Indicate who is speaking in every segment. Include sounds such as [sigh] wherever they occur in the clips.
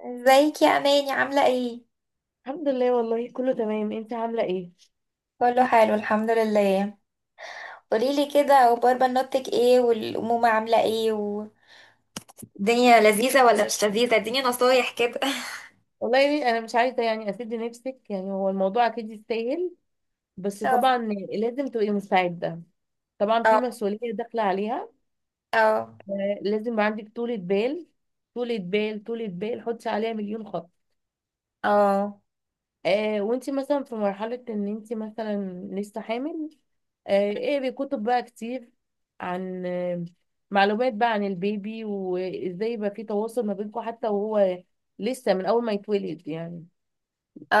Speaker 1: ازيك يا اماني، عامله ايه؟
Speaker 2: الحمد لله والله كله تمام. انت عامله ايه؟
Speaker 1: كله حلو، الحمد لله. قوليلي كده، اخبار بنوتك ايه، والامومه عامله ايه، والدنيا لذيذه ولا مش لذيذه؟ اديني نصايح كده. [laughs]
Speaker 2: والله يعني انا مش عايزه يعني اسد نفسك، يعني هو الموضوع اكيد يستاهل، بس
Speaker 1: اه.
Speaker 2: طبعا لازم تبقي مستعده. طبعا في
Speaker 1: اه.
Speaker 2: مسؤوليه داخله عليها،
Speaker 1: اه.
Speaker 2: لازم يبقى عندك طولة بال. طولة بال طولة بال، حطي عليها مليون خط.
Speaker 1: اه.
Speaker 2: وانت مثلا في مرحله ان انت مثلا لسه حامل، اقري كتب بقى كتير عن معلومات بقى عن البيبي، وازاي يبقى في تواصل ما بينكم حتى وهو لسه من اول ما يتولد. يعني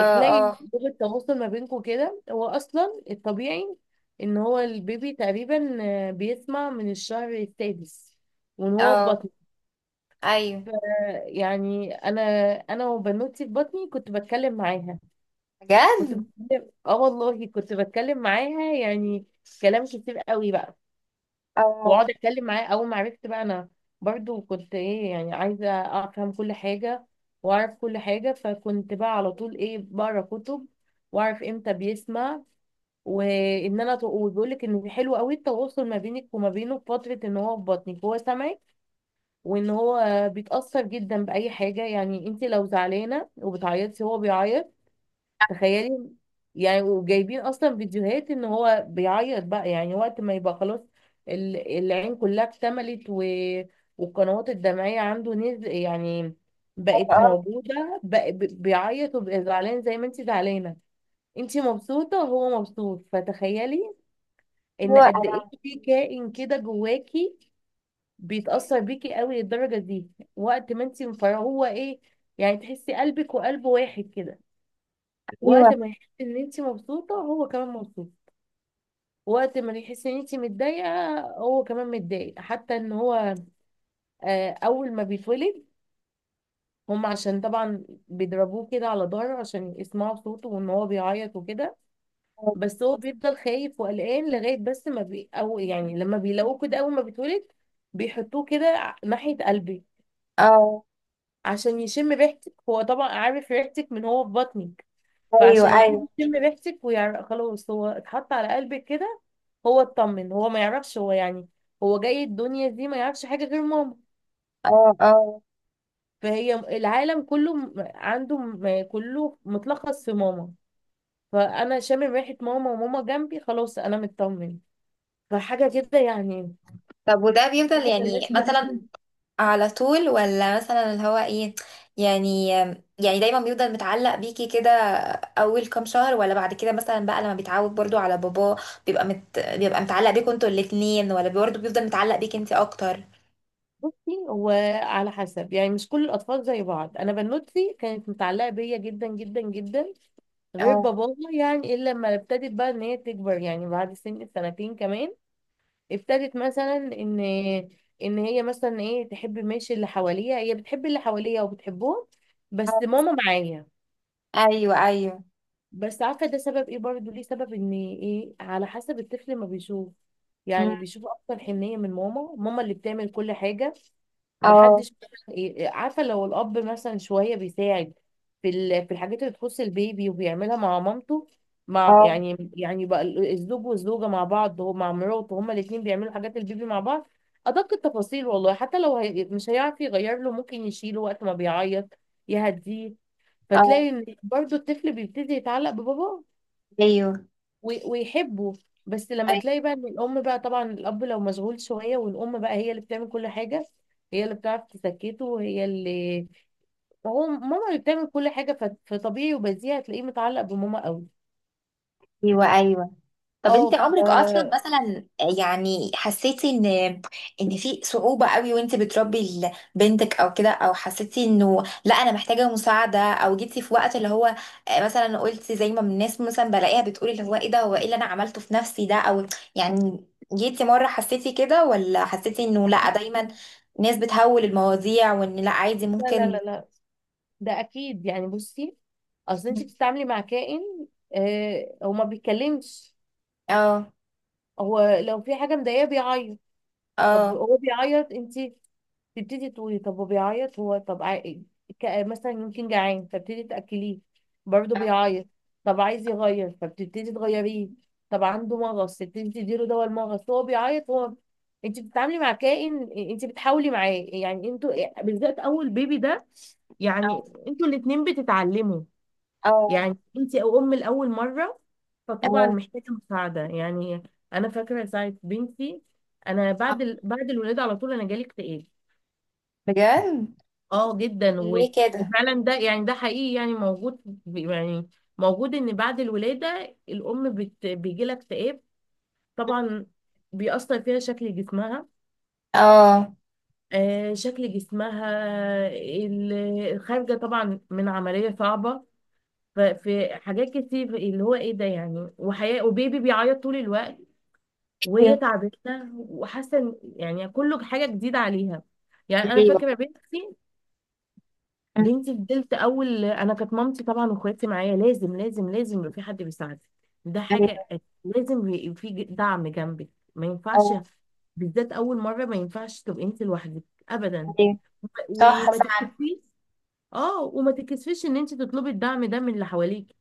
Speaker 2: اخلاقي، لغة تواصل ما بينكم كده. هو اصلا الطبيعي ان هو البيبي تقريبا بيسمع من الشهر السادس وان هو في
Speaker 1: اه.
Speaker 2: بطن.
Speaker 1: ايوه.
Speaker 2: يعني انا وبنوتي في بطني كنت بتكلم معاها، كنت
Speaker 1: بجد؟
Speaker 2: بتكلم، والله كنت بتكلم معاها، يعني كلام كتير قوي بقى.
Speaker 1: اه.
Speaker 2: واقعد اتكلم معاه اول ما عرفت بقى، انا برضو كنت ايه، يعني عايزه افهم كل حاجه واعرف كل حاجه، فكنت بقى على طول ايه بقرا كتب واعرف امتى بيسمع. وان انا وبيقول لك ان حلو قوي التواصل ما بينك وما بينه في فتره ان هو في بطنك، هو سامعك. وان هو بيتاثر جدا باي حاجه، يعني انت لو زعلانه وبتعيطي هو بيعيط. تخيلي يعني، وجايبين اصلا فيديوهات ان هو بيعيط بقى، يعني وقت ما يبقى خلاص العين كلها اكتملت والقنوات الدمعية عنده نزل، يعني بقت
Speaker 1: اه.
Speaker 2: موجودة بقى، بيعيط وبقى زعلان زي ما انت زعلانة. انت مبسوطة وهو مبسوط، فتخيلي ان قد
Speaker 1: ايوه.
Speaker 2: ايه في كائن كده جواكي بيتأثر بيكي قوي للدرجة دي. وقت ما انت مفرغه هو ايه، يعني تحسي قلبك وقلبه واحد كده. وقت
Speaker 1: ايوه.
Speaker 2: ما يحس ان انت مبسوطه هو كمان مبسوط، وقت ما يحس ان انت متضايقه هو كمان متضايق. حتى ان هو اول ما بيتولد، هم عشان طبعا بيضربوه كده على ظهره عشان يسمعوا صوته وان هو بيعيط وكده. بس هو بيفضل خايف وقلقان لغايه، بس ما بي او يعني لما بيلاقوه كده اول ما بيتولد بيحطوه كده ناحيه قلبي
Speaker 1: اه.
Speaker 2: عشان يشم ريحتك. هو طبعا عارف ريحتك من هو في بطنك،
Speaker 1: ايوه.
Speaker 2: فعشان
Speaker 1: ايوه.
Speaker 2: يبتدي يشم ريحتك ويعرف خلاص هو اتحط على قلبك كده هو اطمن. هو ما يعرفش، هو يعني هو جاي الدنيا دي ما يعرفش حاجة غير ماما.
Speaker 1: اه. اه.
Speaker 2: فهي العالم كله عنده، كله متلخص في ماما. فأنا شامم ريحة ماما وماما جنبي، خلاص أنا مطمن. فحاجة كده يعني،
Speaker 1: طب وده بيفضل
Speaker 2: حاجة ملهاش
Speaker 1: يعني [laughs] مثلا،
Speaker 2: مثيل.
Speaker 1: على طول، ولا مثلا اللي هو ايه؟ يعني يعني دايما بيفضل متعلق بيكي كده، اول كام شهر، ولا بعد كده مثلا بقى لما بيتعود برضو على باباه؟ بيبقى متعلق بيكوا انتوا الاتنين، ولا برضو بيفضل متعلق بيكي انتي اكتر؟
Speaker 2: بصي هو على حسب، يعني مش كل الأطفال زي بعض. أنا بنوتي كانت متعلقة بيا جدا جدا جدا غير
Speaker 1: اه.
Speaker 2: باباها، يعني إلا لما ابتدت بقى إن هي تكبر، يعني بعد سن سنتين كمان ابتدت مثلا ان ان هي مثلا ايه تحب، ماشي اللي حواليها هي بتحب اللي حواليها وبتحبهم، بس
Speaker 1: اه.
Speaker 2: ماما معايا.
Speaker 1: ايوه. ايوه.
Speaker 2: بس عارفه ده سبب ايه برضو، ليه سبب ان ايه، على حسب الطفل ما بيشوف.
Speaker 1: مم.
Speaker 2: يعني بيشوف اكتر حنيه من ماما، ماما اللي بتعمل كل حاجه.
Speaker 1: اه.
Speaker 2: محدش مثلا إيه- إيه، عارفه لو الاب مثلا شويه بيساعد في في الحاجات اللي تخص البيبي وبيعملها مع مامته. مع
Speaker 1: اه.
Speaker 2: يعني بقى الزوج والزوجه مع بعض، هو مع مراته هما الاثنين بيعملوا حاجات البيبي مع بعض، ادق التفاصيل. والله حتى لو هي مش هيعرف يغير له، ممكن يشيله وقت ما بيعيط يهديه.
Speaker 1: اه.
Speaker 2: فتلاقي ان برضو الطفل بيبتدي يتعلق بباباه
Speaker 1: ايوه.
Speaker 2: ويحبه. بس لما تلاقي بقى ان الام بقى، طبعا الاب لو مشغول شويه والام بقى هي اللي بتعمل كل حاجه، هي اللي بتعرف تسكته، وهي اللي هو ماما اللي بتعمل كل حاجه، فطبيعي وبديهي هتلاقيه متعلق بماما قوي.
Speaker 1: ايوه. ايوه. طب
Speaker 2: اه
Speaker 1: انت عمرك اصلا مثلا، يعني حسيتي ان في صعوبة قوي وانت بتربي بنتك، او كده، او حسيتي انه لا انا محتاجة مساعدة، او جيتي في وقت اللي هو مثلا قلتي زي ما الناس مثلا بلاقيها بتقولي اللي هو ايه ده، هو ايه اللي انا عملته في نفسي ده، او يعني جيتي مرة حسيتي كده، ولا حسيتي انه لا
Speaker 2: اكيد.
Speaker 1: دايما ناس بتهول المواضيع، وان لا عادي
Speaker 2: لا لا
Speaker 1: ممكن؟
Speaker 2: لا لا، ده اكيد يعني. بصي اصل انت بتتعاملي مع كائن، آه هو ما بيتكلمش.
Speaker 1: اه.
Speaker 2: هو لو في حاجه مضايقاه بيعيط. طب
Speaker 1: اه.
Speaker 2: هو بيعيط، انت تبتدي تقولي طب هو بيعيط، هو طب مثلا يمكن جعان فبتدي تأكليه، برضه بيعيط. طب عايز يغير فبتبتدي تغيريه، طب عنده مغص تبتدي تديله دواء المغص، هو بيعيط هو. انت بتتعاملي مع كائن، انت بتحاولي معاه يعني. انتوا بالذات اول بيبي ده يعني،
Speaker 1: اه.
Speaker 2: انتوا الاتنين بتتعلموا.
Speaker 1: اه.
Speaker 2: يعني انت او ام لاول مره، فطبعا
Speaker 1: اه.
Speaker 2: محتاجه مساعده يعني. انا فاكره ساعه بنتي، انا
Speaker 1: اه.
Speaker 2: بعد بعد الولاده على طول انا جالي اكتئاب،
Speaker 1: بجد؟
Speaker 2: اه جدا
Speaker 1: ليه كده؟
Speaker 2: وفعلا ده يعني، ده حقيقي يعني موجود، يعني موجود ان بعد الولادة الام بيجي لها اكتئاب. طبعا بيأثر فيها شكل جسمها،
Speaker 1: اه.
Speaker 2: آه شكل جسمها ال- الخارجة طبعا من عملية صعبة. ففي حاجات كتير اللي هو ايه ده، يعني وحياة وبيبي بيعيط طول الوقت وهي
Speaker 1: ايوه.
Speaker 2: تعبتنا، وحاسة يعني كله حاجة جديدة عليها. يعني انا
Speaker 1: ايوه.
Speaker 2: فاكرة بنتي،
Speaker 1: أمم.
Speaker 2: بنتي فضلت اول، انا كانت مامتي طبعا واخواتي معايا. لازم لازم لازم يبقى في حد بيساعدك، ده
Speaker 1: ايوه.
Speaker 2: حاجه. لازم يبقى في دعم جنبك، ما ينفعش
Speaker 1: اه.
Speaker 2: بالذات اول مره ما ينفعش تبقي انت لوحدك ابدا.
Speaker 1: ايوه. صح
Speaker 2: وما
Speaker 1: فعلا.
Speaker 2: تكسفيش، اه وما تكسفيش ان انت تطلبي الدعم ده من اللي حواليك.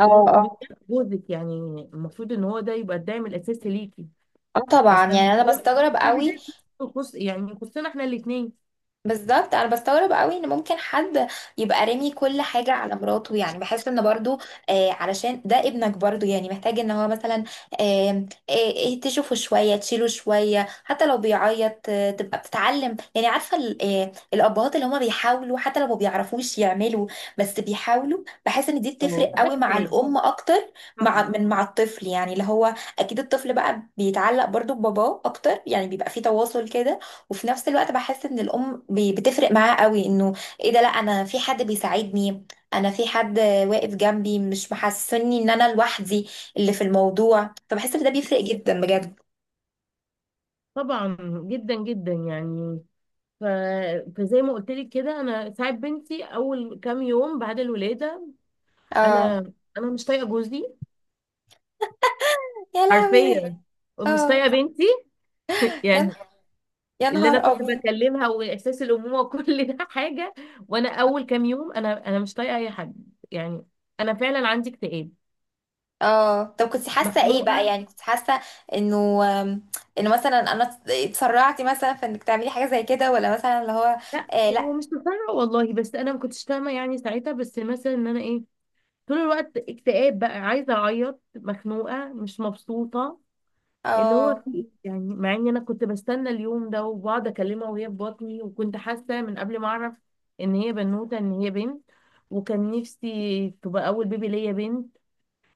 Speaker 1: اه. اه.
Speaker 2: وبالذات جوزك يعني، المفروض ان هو ده يبقى الدعم الاساسي ليكي.
Speaker 1: اه. طبعا،
Speaker 2: اصلا
Speaker 1: يعني انا
Speaker 2: الموضوع
Speaker 1: بستغرب
Speaker 2: في
Speaker 1: قوي.
Speaker 2: بدايه يخص، يعني يخصنا احنا الاثنين.
Speaker 1: بالظبط، انا بستغرب قوي ان ممكن حد يبقى رامي كل حاجه على مراته، يعني بحس ان برضو علشان ده ابنك برضو، يعني محتاج ان هو مثلا تشوفه شويه، تشيله شويه، حتى لو بيعيط تبقى بتتعلم، يعني عارفه الابهات اللي هما بيحاولوا، حتى لو ما بيعرفوش يعملوا، بس بيحاولوا. بحس ان دي
Speaker 2: اه
Speaker 1: بتفرق
Speaker 2: ده
Speaker 1: قوي مع
Speaker 2: كفايه،
Speaker 1: الام اكتر.
Speaker 2: صح،
Speaker 1: مع من؟ مع الطفل، يعني اللي هو اكيد الطفل بقى بيتعلق برضو بباباه اكتر، يعني بيبقى في تواصل كده، وفي نفس الوقت بحس ان الام بتفرق معاه قوي، انه ايه ده، لا انا في حد بيساعدني، انا في حد واقف جنبي، مش محسسني ان انا لوحدي اللي في الموضوع، فبحس ان ده بيفرق جدا بجد.
Speaker 2: طبعا جدا جدا يعني. ف... فزي ما قلت لك كده، انا ساعات بنتي اول كام يوم بعد الولاده
Speaker 1: اه.
Speaker 2: انا انا مش طايقه جوزي،
Speaker 1: يا لهوي.
Speaker 2: حرفيا، ومش
Speaker 1: اه.
Speaker 2: طايقه بنتي [laughs]
Speaker 1: يا
Speaker 2: يعني
Speaker 1: نه- يا
Speaker 2: اللي انا
Speaker 1: نهار
Speaker 2: كنت
Speaker 1: ابيض.
Speaker 2: بكلمها واحساس الامومه وكل [laughs] ده حاجه. وانا اول كام يوم انا مش طايقه اي حد يعني. انا فعلا عندي اكتئاب،
Speaker 1: اه. طب كنت حاسه ايه بقى؟
Speaker 2: مخنوقه.
Speaker 1: يعني كنت حاسه انه آم، انه مثلا انا اتسرعتي مثلا في انك تعملي حاجه زي كده، ولا مثلا اللي هو؟
Speaker 2: لا
Speaker 1: آه. لا.
Speaker 2: ومش مقتنعه والله، بس انا ما كنتش فاهمه يعني ساعتها، بس مثلا ان انا ايه طول الوقت اكتئاب بقى، عايزه اعيط، مخنوقه، مش مبسوطه، اللي هو
Speaker 1: اه.
Speaker 2: في إيه؟ يعني مع ان انا كنت بستنى اليوم ده وبقعد اكلمها وهي في بطني، وكنت حاسه من قبل ما اعرف ان هي بنوته ان هي بنت. وكان نفسي تبقى اول بيبي ليا بنت.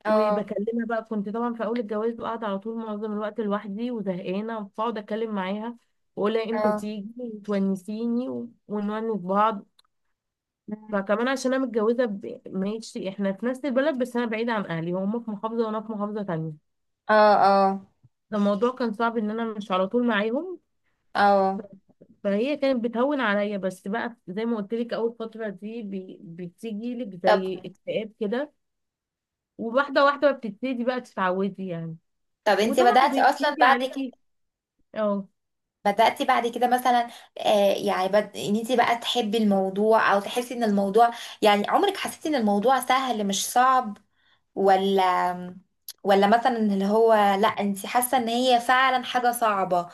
Speaker 1: اه.
Speaker 2: وبكلمها بقى، كنت طبعا في اول الجواز بقعد على طول معظم الوقت لوحدي وزهقانه، فاقعد اتكلم معاها واقولها امتى
Speaker 1: اه.
Speaker 2: تيجي وتونسيني ونونس بعض. فكمان عشان انا متجوزه ماشي احنا في نفس البلد، بس انا بعيده عن اهلي، هم في محافظه وانا في محافظه تانية.
Speaker 1: اه. اه.
Speaker 2: فالموضوع كان صعب ان انا مش على طول معاهم،
Speaker 1: اه.
Speaker 2: فهي كانت بتهون عليا. بس بقى زي ما قلت لك اول فتره دي بتيجي لك
Speaker 1: طب.
Speaker 2: زي اكتئاب كده، وواحده واحده بتبتدي بقى تتعودي يعني،
Speaker 1: انت
Speaker 2: وطبعا
Speaker 1: بدأتي اصلا
Speaker 2: بيجي
Speaker 1: بعد
Speaker 2: عليكي،
Speaker 1: كده،
Speaker 2: اه.
Speaker 1: بدأتي بعد كده مثلا؟ يعني ان انت بقى تحبي الموضوع، او تحسي ان الموضوع، يعني عمرك حسيتي ان الموضوع سهل مش صعب، ولا ولا مثلا اللي هو لا انت حاسة ان هي فعلا حاجة صعبة؟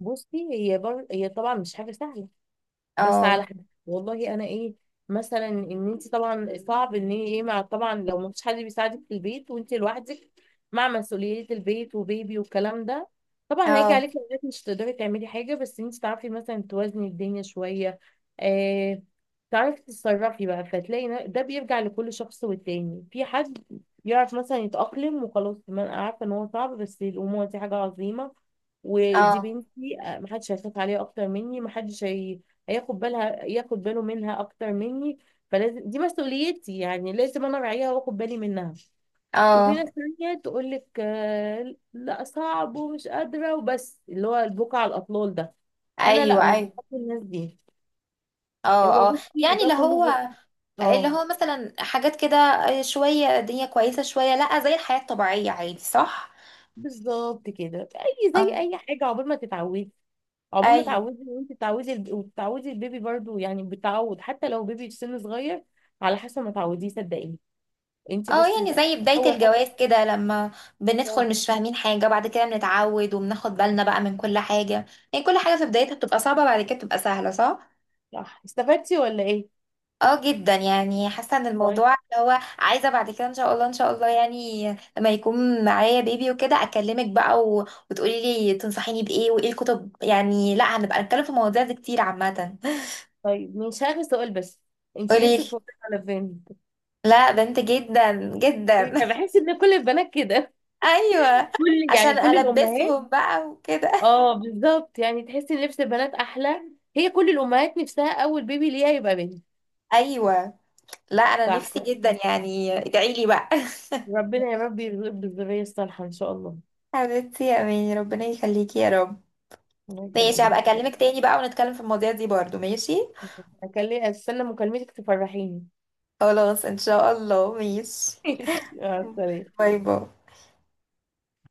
Speaker 2: بصي هي هي طبعا مش حاجه سهله. بس على
Speaker 1: اه.
Speaker 2: حد والله انا ايه، مثلا ان انت طبعا صعب ان هي ايه مع، طبعا لو ما فيش حد بيساعدك في البيت وانت لوحدك مع مسؤوليات البيت وبيبي والكلام ده، طبعا هيجي
Speaker 1: اه.
Speaker 2: عليك اوقات مش تقدري تعملي حاجه. بس انت تعرفي مثلا توازني الدنيا شويه، آه تعرفي تتصرفي بقى، فتلاقي ده بيرجع لكل شخص، والتاني في حد يعرف مثلا يتأقلم وخلاص. ما انا عارفه ان هو صعب، بس الامومه دي حاجه عظيمه، ودي
Speaker 1: اه.
Speaker 2: بنتي محدش هيخاف عليها اكتر مني، محدش هياخد بالها، ياخد باله منها اكتر مني. فلازم دي مسؤوليتي، يعني لازم انا اراعيها واخد بالي منها. وفي
Speaker 1: اه.
Speaker 2: ناس تانية تقول لك لا صعب ومش قادرة وبس اللي هو البكا على الاطلال ده. فانا لا
Speaker 1: ايوه.
Speaker 2: مش
Speaker 1: ايوه.
Speaker 2: بحب الناس دي. هو
Speaker 1: اه. اه.
Speaker 2: بصي
Speaker 1: يعني
Speaker 2: ده
Speaker 1: اللي
Speaker 2: كله
Speaker 1: هو
Speaker 2: اه.
Speaker 1: مثلا حاجات كده، شوية الدنيا كويسة، شوية لا، زي الحياة الطبيعية عادي، صح؟
Speaker 2: بالظبط كده، اي زي
Speaker 1: اه.
Speaker 2: اي حاجة عقبال ما تتعودي. عقبال ما
Speaker 1: ايوه.
Speaker 2: تعودي، وانت تعودي وتعودي البيبي برضو، يعني بتعود حتى لو بيبي في سن صغير على حسب ما تعوديه. صدقيني، انت
Speaker 1: اه.
Speaker 2: بس
Speaker 1: يعني زي بداية
Speaker 2: اول حاجة.
Speaker 1: الجواز كده، لما بندخل مش فاهمين حاجة، بعد كده بنتعود وبناخد بالنا بقى من كل حاجة. يعني كل حاجة في بدايتها بتبقى صعبة، بعد كده بتبقى سهلة، صح؟
Speaker 2: صح، استفدتي ولا ايه؟
Speaker 1: اه جدا، يعني حاسة ان الموضوع
Speaker 2: طيب.
Speaker 1: اللي هو عايزة بعد كده ان شاء الله. ان شاء الله، يعني لما يكون معايا بيبي وكده اكلمك بقى، وتقولي لي تنصحيني بإيه وايه الكتب، يعني لا، هنبقى نتكلم في المواضيع دي كتير عامة.
Speaker 2: طيب، مش عارفه سؤال بس، انت
Speaker 1: قولي لي.
Speaker 2: نفسك في وظيفه على فين؟
Speaker 1: لا، بنت جدا جدا. [laughs]
Speaker 2: أنا بحس ان كل البنات كده،
Speaker 1: ايوه.
Speaker 2: كل يعني
Speaker 1: عشان
Speaker 2: كل الامهات.
Speaker 1: البسهم بقى وكده.
Speaker 2: اه بالظبط، يعني تحسي ان لبس البنات احلى. هي كل الامهات نفسها اول بيبي ليها يبقى بنت.
Speaker 1: [laughs] ايوه. لا انا
Speaker 2: صح،
Speaker 1: نفسي جدا، يعني ادعي لي بقى.
Speaker 2: ربنا يا رب يرزقك بالذريه الصالحه ان شاء الله.
Speaker 1: [laughs] حبيبتي يا اماني، ربنا يخليكي يا رب.
Speaker 2: الله
Speaker 1: ماشي،
Speaker 2: يخليك
Speaker 1: هبقى
Speaker 2: يا
Speaker 1: اكلمك
Speaker 2: حبيبتي.
Speaker 1: تاني بقى ونتكلم في المواضيع دي برضو. ماشي.
Speaker 2: اكلم، استنى مكالمتك تفرحيني
Speaker 1: خلاص ان شاء الله. ماشي.
Speaker 2: [laughs] سلام.
Speaker 1: باي باي.